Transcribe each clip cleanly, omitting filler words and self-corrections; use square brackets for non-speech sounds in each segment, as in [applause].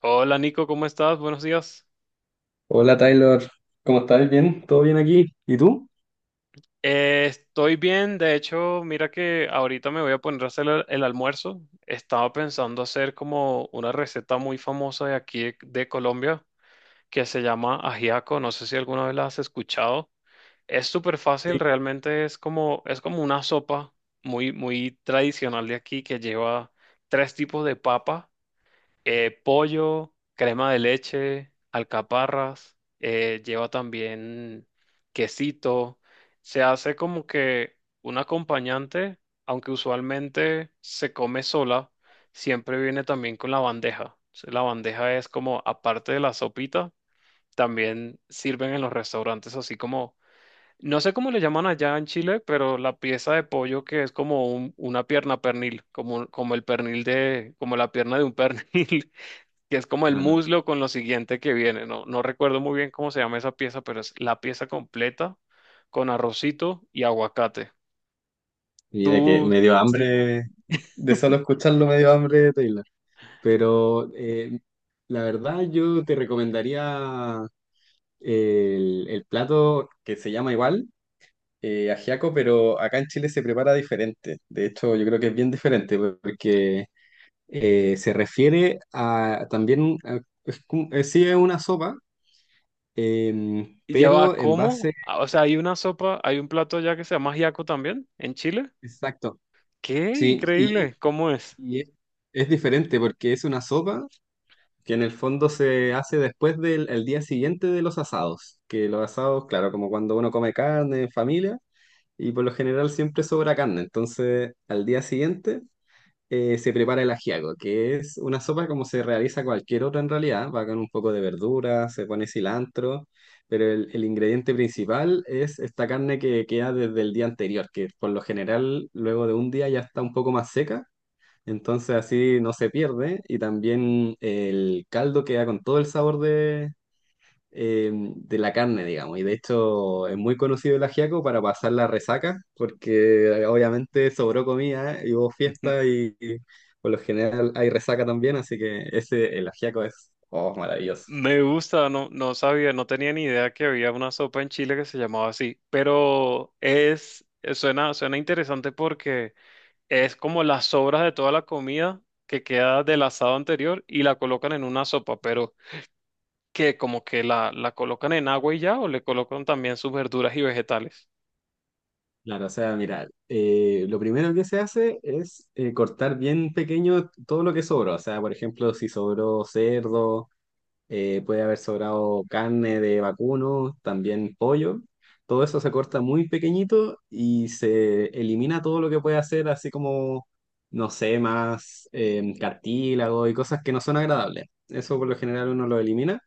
Hola Nico, ¿cómo estás? Buenos días. Hola Taylor, ¿cómo estás? ¿Bien? ¿Todo bien aquí? ¿Y tú? Estoy bien, de hecho, mira que ahorita me voy a poner a hacer el almuerzo. Estaba pensando hacer como una receta muy famosa de aquí de Colombia que se llama ajiaco. No sé si alguna vez la has escuchado. Es súper fácil, Sí. realmente es como una sopa muy, muy tradicional de aquí que lleva tres tipos de papa. Pollo, crema de leche, alcaparras, lleva también quesito. Se hace como que un acompañante, aunque usualmente se come sola, siempre viene también con la bandeja. La bandeja es como, aparte de la sopita, también sirven en los restaurantes así como, no sé cómo le llaman allá en Chile, pero la pieza de pollo que es como una pierna pernil, como el pernil como la pierna de un [laughs] pernil que es como el Ah, muslo con lo siguiente que viene. No, no recuerdo muy bien cómo se llama esa pieza, pero es la pieza completa con arrocito y aguacate. mira que ¿Tú? me dio Sí. hambre. De solo escucharlo me dio hambre de Taylor. Pero la verdad yo te recomendaría el plato que se llama igual, ajiaco, pero acá en Chile se prepara diferente. De hecho, yo creo que es bien diferente porque se refiere a también, a- es, como- sí es una sopa, Y lleva pero en cómo? base, Ah, o sea, hay una sopa, hay un plato allá que se llama ajiaco también en Chile. exacto. ¡Qué Sí, increíble! ¿Cómo es? y es diferente porque es una sopa que en el fondo se hace después del el día siguiente de los asados, que los asados, claro, como cuando uno come carne en familia, y por lo general siempre sobra carne, entonces al día siguiente se prepara el ajiaco, que es una sopa como se realiza cualquier otra en realidad, va con un poco de verdura, se pone cilantro, pero el ingrediente principal es esta carne que queda desde el día anterior, que por lo general luego de un día ya está un poco más seca, entonces así no se pierde y también el caldo queda con todo el sabor de la carne, digamos. Y de hecho es muy conocido el ajiaco para pasar la resaca, porque obviamente sobró comida y hubo fiesta [laughs] y por lo general hay resaca también, así que ese, el ajiaco es, oh, maravilloso. Me gusta, no, no sabía, no tenía ni idea que había una sopa en Chile que se llamaba así, pero suena interesante porque es como las sobras de toda la comida que queda del asado anterior y la colocan en una sopa, pero que como que la colocan en agua y ya, o le colocan también sus verduras y vegetales. Claro, o sea, mira, lo primero que se hace es cortar bien pequeño todo lo que sobró. O sea, por ejemplo, si sobró cerdo, puede haber sobrado carne de vacuno, también pollo. Todo eso se corta muy pequeñito y se elimina todo lo que puede hacer, así como, no sé, más cartílago y cosas que no son agradables. Eso por lo general uno lo elimina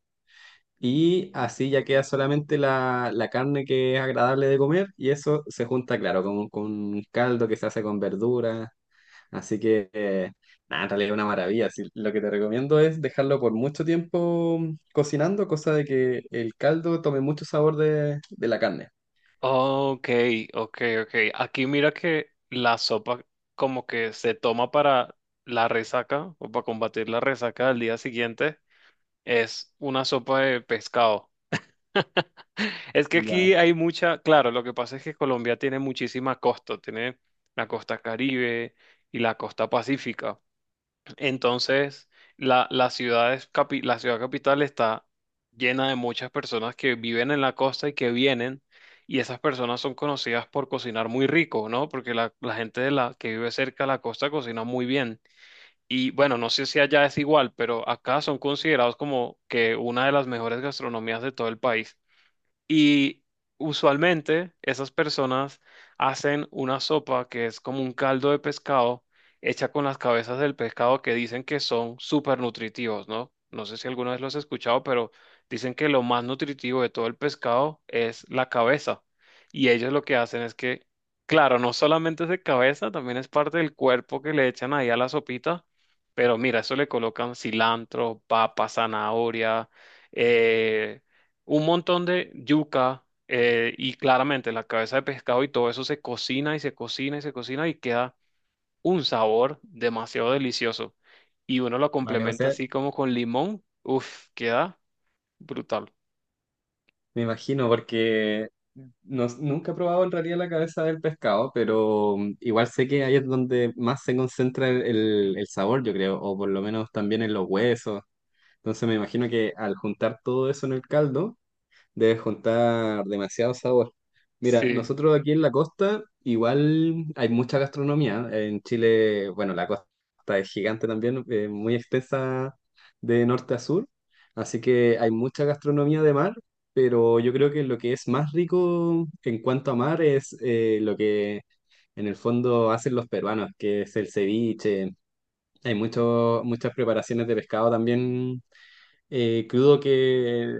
y así ya queda solamente la carne que es agradable de comer, y eso se junta, claro, con un caldo que se hace con verduras. Así que, nada, en realidad es una maravilla. Así, lo que te recomiendo es dejarlo por mucho tiempo cocinando, cosa de que el caldo tome mucho sabor de la carne. Ok, ok, ok. Aquí mira que la sopa como que se toma para la resaca o para combatir la resaca del día siguiente. Es una sopa de pescado. Es que Ya. aquí hay mucha, claro, lo que pasa es que Colombia tiene muchísimas costas, tiene la costa Caribe y la costa Pacífica. Entonces, La ciudad capital está llena de muchas personas que viven en la costa y que vienen, y esas personas son conocidas por cocinar muy rico, ¿no? Porque la gente que vive cerca de la costa cocina muy bien. Y bueno, no sé si allá es igual, pero acá son considerados como que una de las mejores gastronomías de todo el país. Y usualmente esas personas hacen una sopa que es como un caldo de pescado hecha con las cabezas del pescado que dicen que son súper nutritivos, ¿no? No sé si alguna vez los has escuchado, pero dicen que lo más nutritivo de todo el pescado es la cabeza. Y ellos lo que hacen es que, claro, no solamente es de cabeza, también es parte del cuerpo que le echan ahí a la sopita. Pero mira, eso le colocan cilantro, papa, zanahoria, eh, un montón de yuca, y claramente la cabeza de pescado y todo eso se cocina y se cocina y se cocina y queda un sabor demasiado delicioso. Y uno lo Vale, o complementa sea, así como con limón, uff, queda brutal. me imagino, porque no- nunca he probado en realidad la cabeza del pescado, pero mm, igual sé que ahí es donde más se concentra el sabor, yo creo, o por lo menos también en los huesos. Entonces me imagino que al juntar todo eso en el caldo, debes juntar demasiado sabor. Mira, Sí, nosotros aquí en la costa igual hay mucha gastronomía. En Chile, bueno, la costa es gigante también, muy extensa de norte a sur. Así que hay mucha gastronomía de mar, pero yo creo que lo que es más rico en cuanto a mar es lo que en el fondo hacen los peruanos, que es el ceviche. Hay mucho- muchas preparaciones de pescado también crudo, que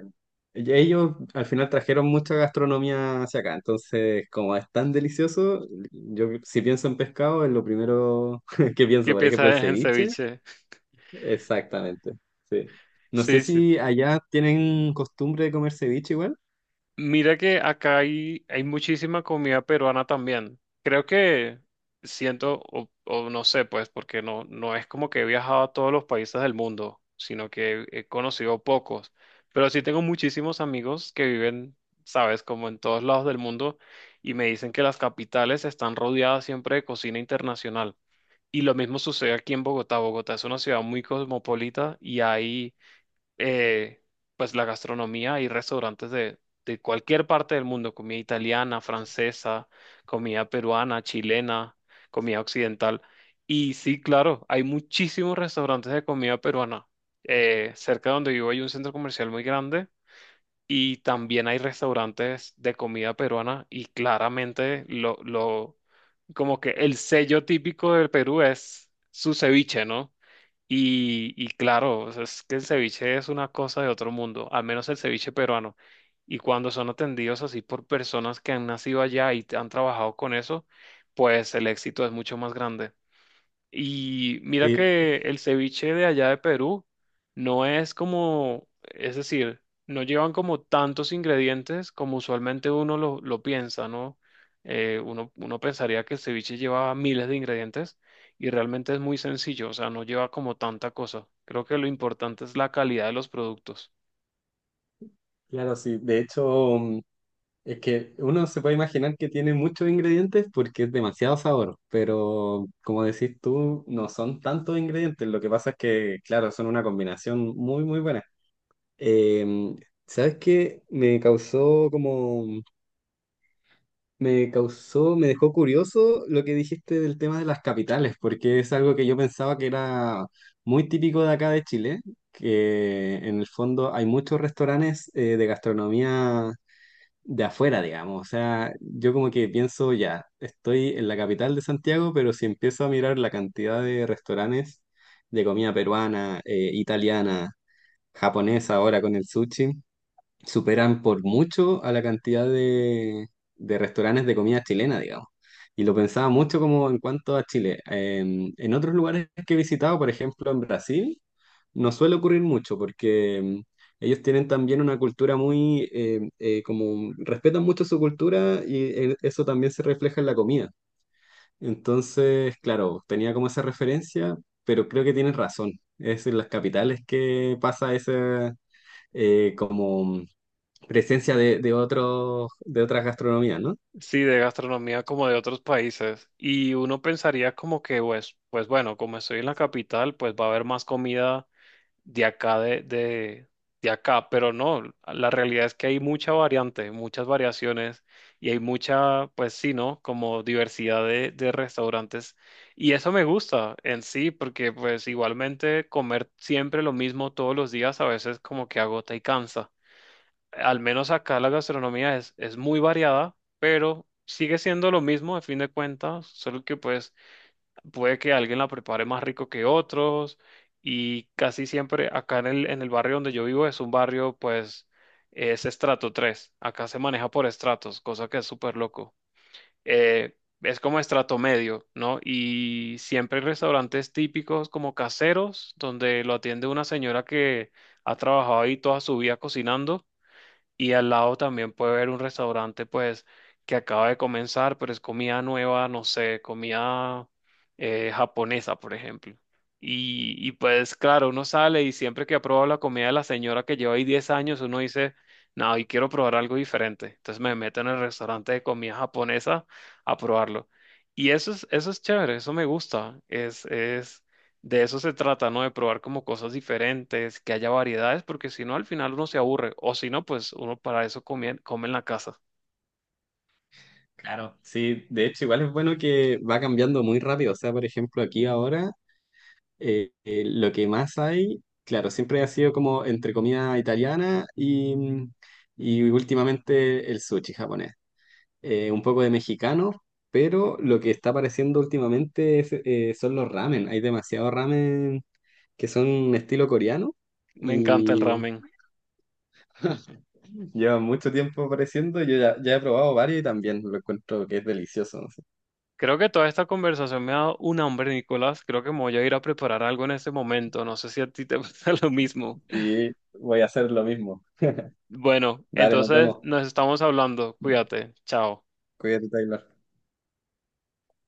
ellos al final trajeron mucha gastronomía hacia acá, entonces como es tan delicioso, yo si pienso en pescado es lo primero [laughs] que pienso, ¿qué por ejemplo el piensas en ceviche, ceviche? [laughs] exactamente, sí. No sé Sí, sí. si allá tienen costumbre de comer ceviche igual. Mira que acá hay muchísima comida peruana también. Creo que siento, o no sé, pues, porque no, no es como que he viajado a todos los países del mundo, sino que he conocido pocos. Pero sí tengo muchísimos amigos que viven, sabes, como en todos lados del mundo y me dicen que las capitales están rodeadas siempre de cocina internacional. Y lo mismo sucede aquí en Bogotá. Bogotá es una ciudad muy cosmopolita y hay, eh, pues, la gastronomía y restaurantes de cualquier parte del mundo, comida italiana, francesa, comida peruana, chilena, comida occidental. Y sí, claro, hay muchísimos restaurantes de comida peruana. Cerca de donde vivo hay un centro comercial muy grande y también hay restaurantes de comida peruana y claramente lo, como que el sello típico del Perú es su ceviche, ¿no? Y claro, o sea, es que el ceviche es una cosa de otro mundo, al menos el ceviche peruano. Y cuando son atendidos así por personas que han nacido allá y han trabajado con eso, pues el éxito es mucho más grande. Y mira Sí, que el ceviche de allá de Perú no es como, es decir, no llevan como tantos ingredientes como usualmente uno lo piensa, ¿no? Uno pensaría que el ceviche lleva miles de ingredientes y realmente es muy sencillo, o sea, no lleva como tanta cosa. Creo que lo importante es la calidad de los productos. claro, sí, de hecho, es que uno se puede imaginar que tiene muchos ingredientes porque es demasiado sabor, pero como decís tú, no son tantos ingredientes. Lo que pasa es que, claro, son una combinación muy, muy buena. Em, ¿Sabes qué? Me causó como, me causó, me dejó curioso lo que dijiste del tema de las capitales, porque es algo que yo pensaba que era muy típico de acá de Chile, que en el fondo hay muchos restaurantes de gastronomía de afuera, digamos. O sea, yo como que pienso, ya, estoy en la capital de Santiago, pero si empiezo a mirar la cantidad de restaurantes de comida peruana, italiana, japonesa, ahora con el sushi, superan por mucho a la cantidad de restaurantes de comida chilena, digamos. Y lo pensaba mucho como en cuanto a Chile. En otros lugares que he visitado, por ejemplo en Brasil, no suele ocurrir mucho porque ellos tienen también una cultura muy, como respetan mucho su cultura y eso también se refleja en la comida. Entonces, claro, tenía como esa referencia, pero creo que tienes razón. Es en las capitales que pasa ese, como presencia de otros, de otras gastronomías, ¿no? Sí, de gastronomía como de otros países. Y uno pensaría como que, pues bueno, como estoy en la capital, pues va a haber más comida de acá de acá, pero no, la realidad es que hay mucha variante, muchas variaciones y hay mucha, pues sí, ¿no? Como diversidad de restaurantes y eso me gusta en sí porque pues igualmente comer siempre lo mismo todos los días a veces como que agota y cansa. Al menos acá la gastronomía es muy variada, pero sigue siendo lo mismo a fin de cuentas, solo que pues puede que alguien la prepare más rico que otros y casi siempre acá en el barrio donde yo vivo es un barrio pues es estrato 3, acá se maneja por estratos, cosa que es súper loco. Eh, es como estrato medio, ¿no? Y siempre hay restaurantes típicos como caseros donde lo atiende una señora que ha trabajado ahí toda su vida cocinando y al lado también puede haber un restaurante, pues, que acaba de comenzar, pero es comida nueva, no sé, comida, japonesa, por ejemplo. Y pues, claro, uno sale y siempre que ha probado la comida de la señora que lleva ahí 10 años, uno dice, no, hoy quiero probar algo diferente. Entonces me meto en el restaurante de comida japonesa a probarlo. Y eso es chévere, eso me gusta. De eso se trata, ¿no? De probar como cosas diferentes, que haya variedades, porque si no, al final uno se aburre. O si no, pues uno para eso come en la casa. Claro. Sí, de hecho, igual es bueno que va cambiando muy rápido. O sea, por ejemplo, aquí ahora lo que más hay, claro, siempre ha sido como entre comida italiana y, mm, y últimamente el sushi japonés. Un poco de mexicano, pero lo que está apareciendo últimamente es, son los ramen. Hay demasiado ramen que son estilo coreano Me encanta el y ramen. [laughs] lleva mucho tiempo apareciendo, yo ya, ya he probado varios y también lo encuentro que es delicioso. No sé. Creo que toda esta conversación me ha dado un hambre, Nicolás. Creo que me voy a ir a preparar algo en este momento. No sé si a ti te [laughs] pasa lo mismo. Sí, voy a hacer lo mismo. Bueno, Dale, nos entonces vemos. nos estamos hablando. Cuídate. Chao. Cuídate, Taylor.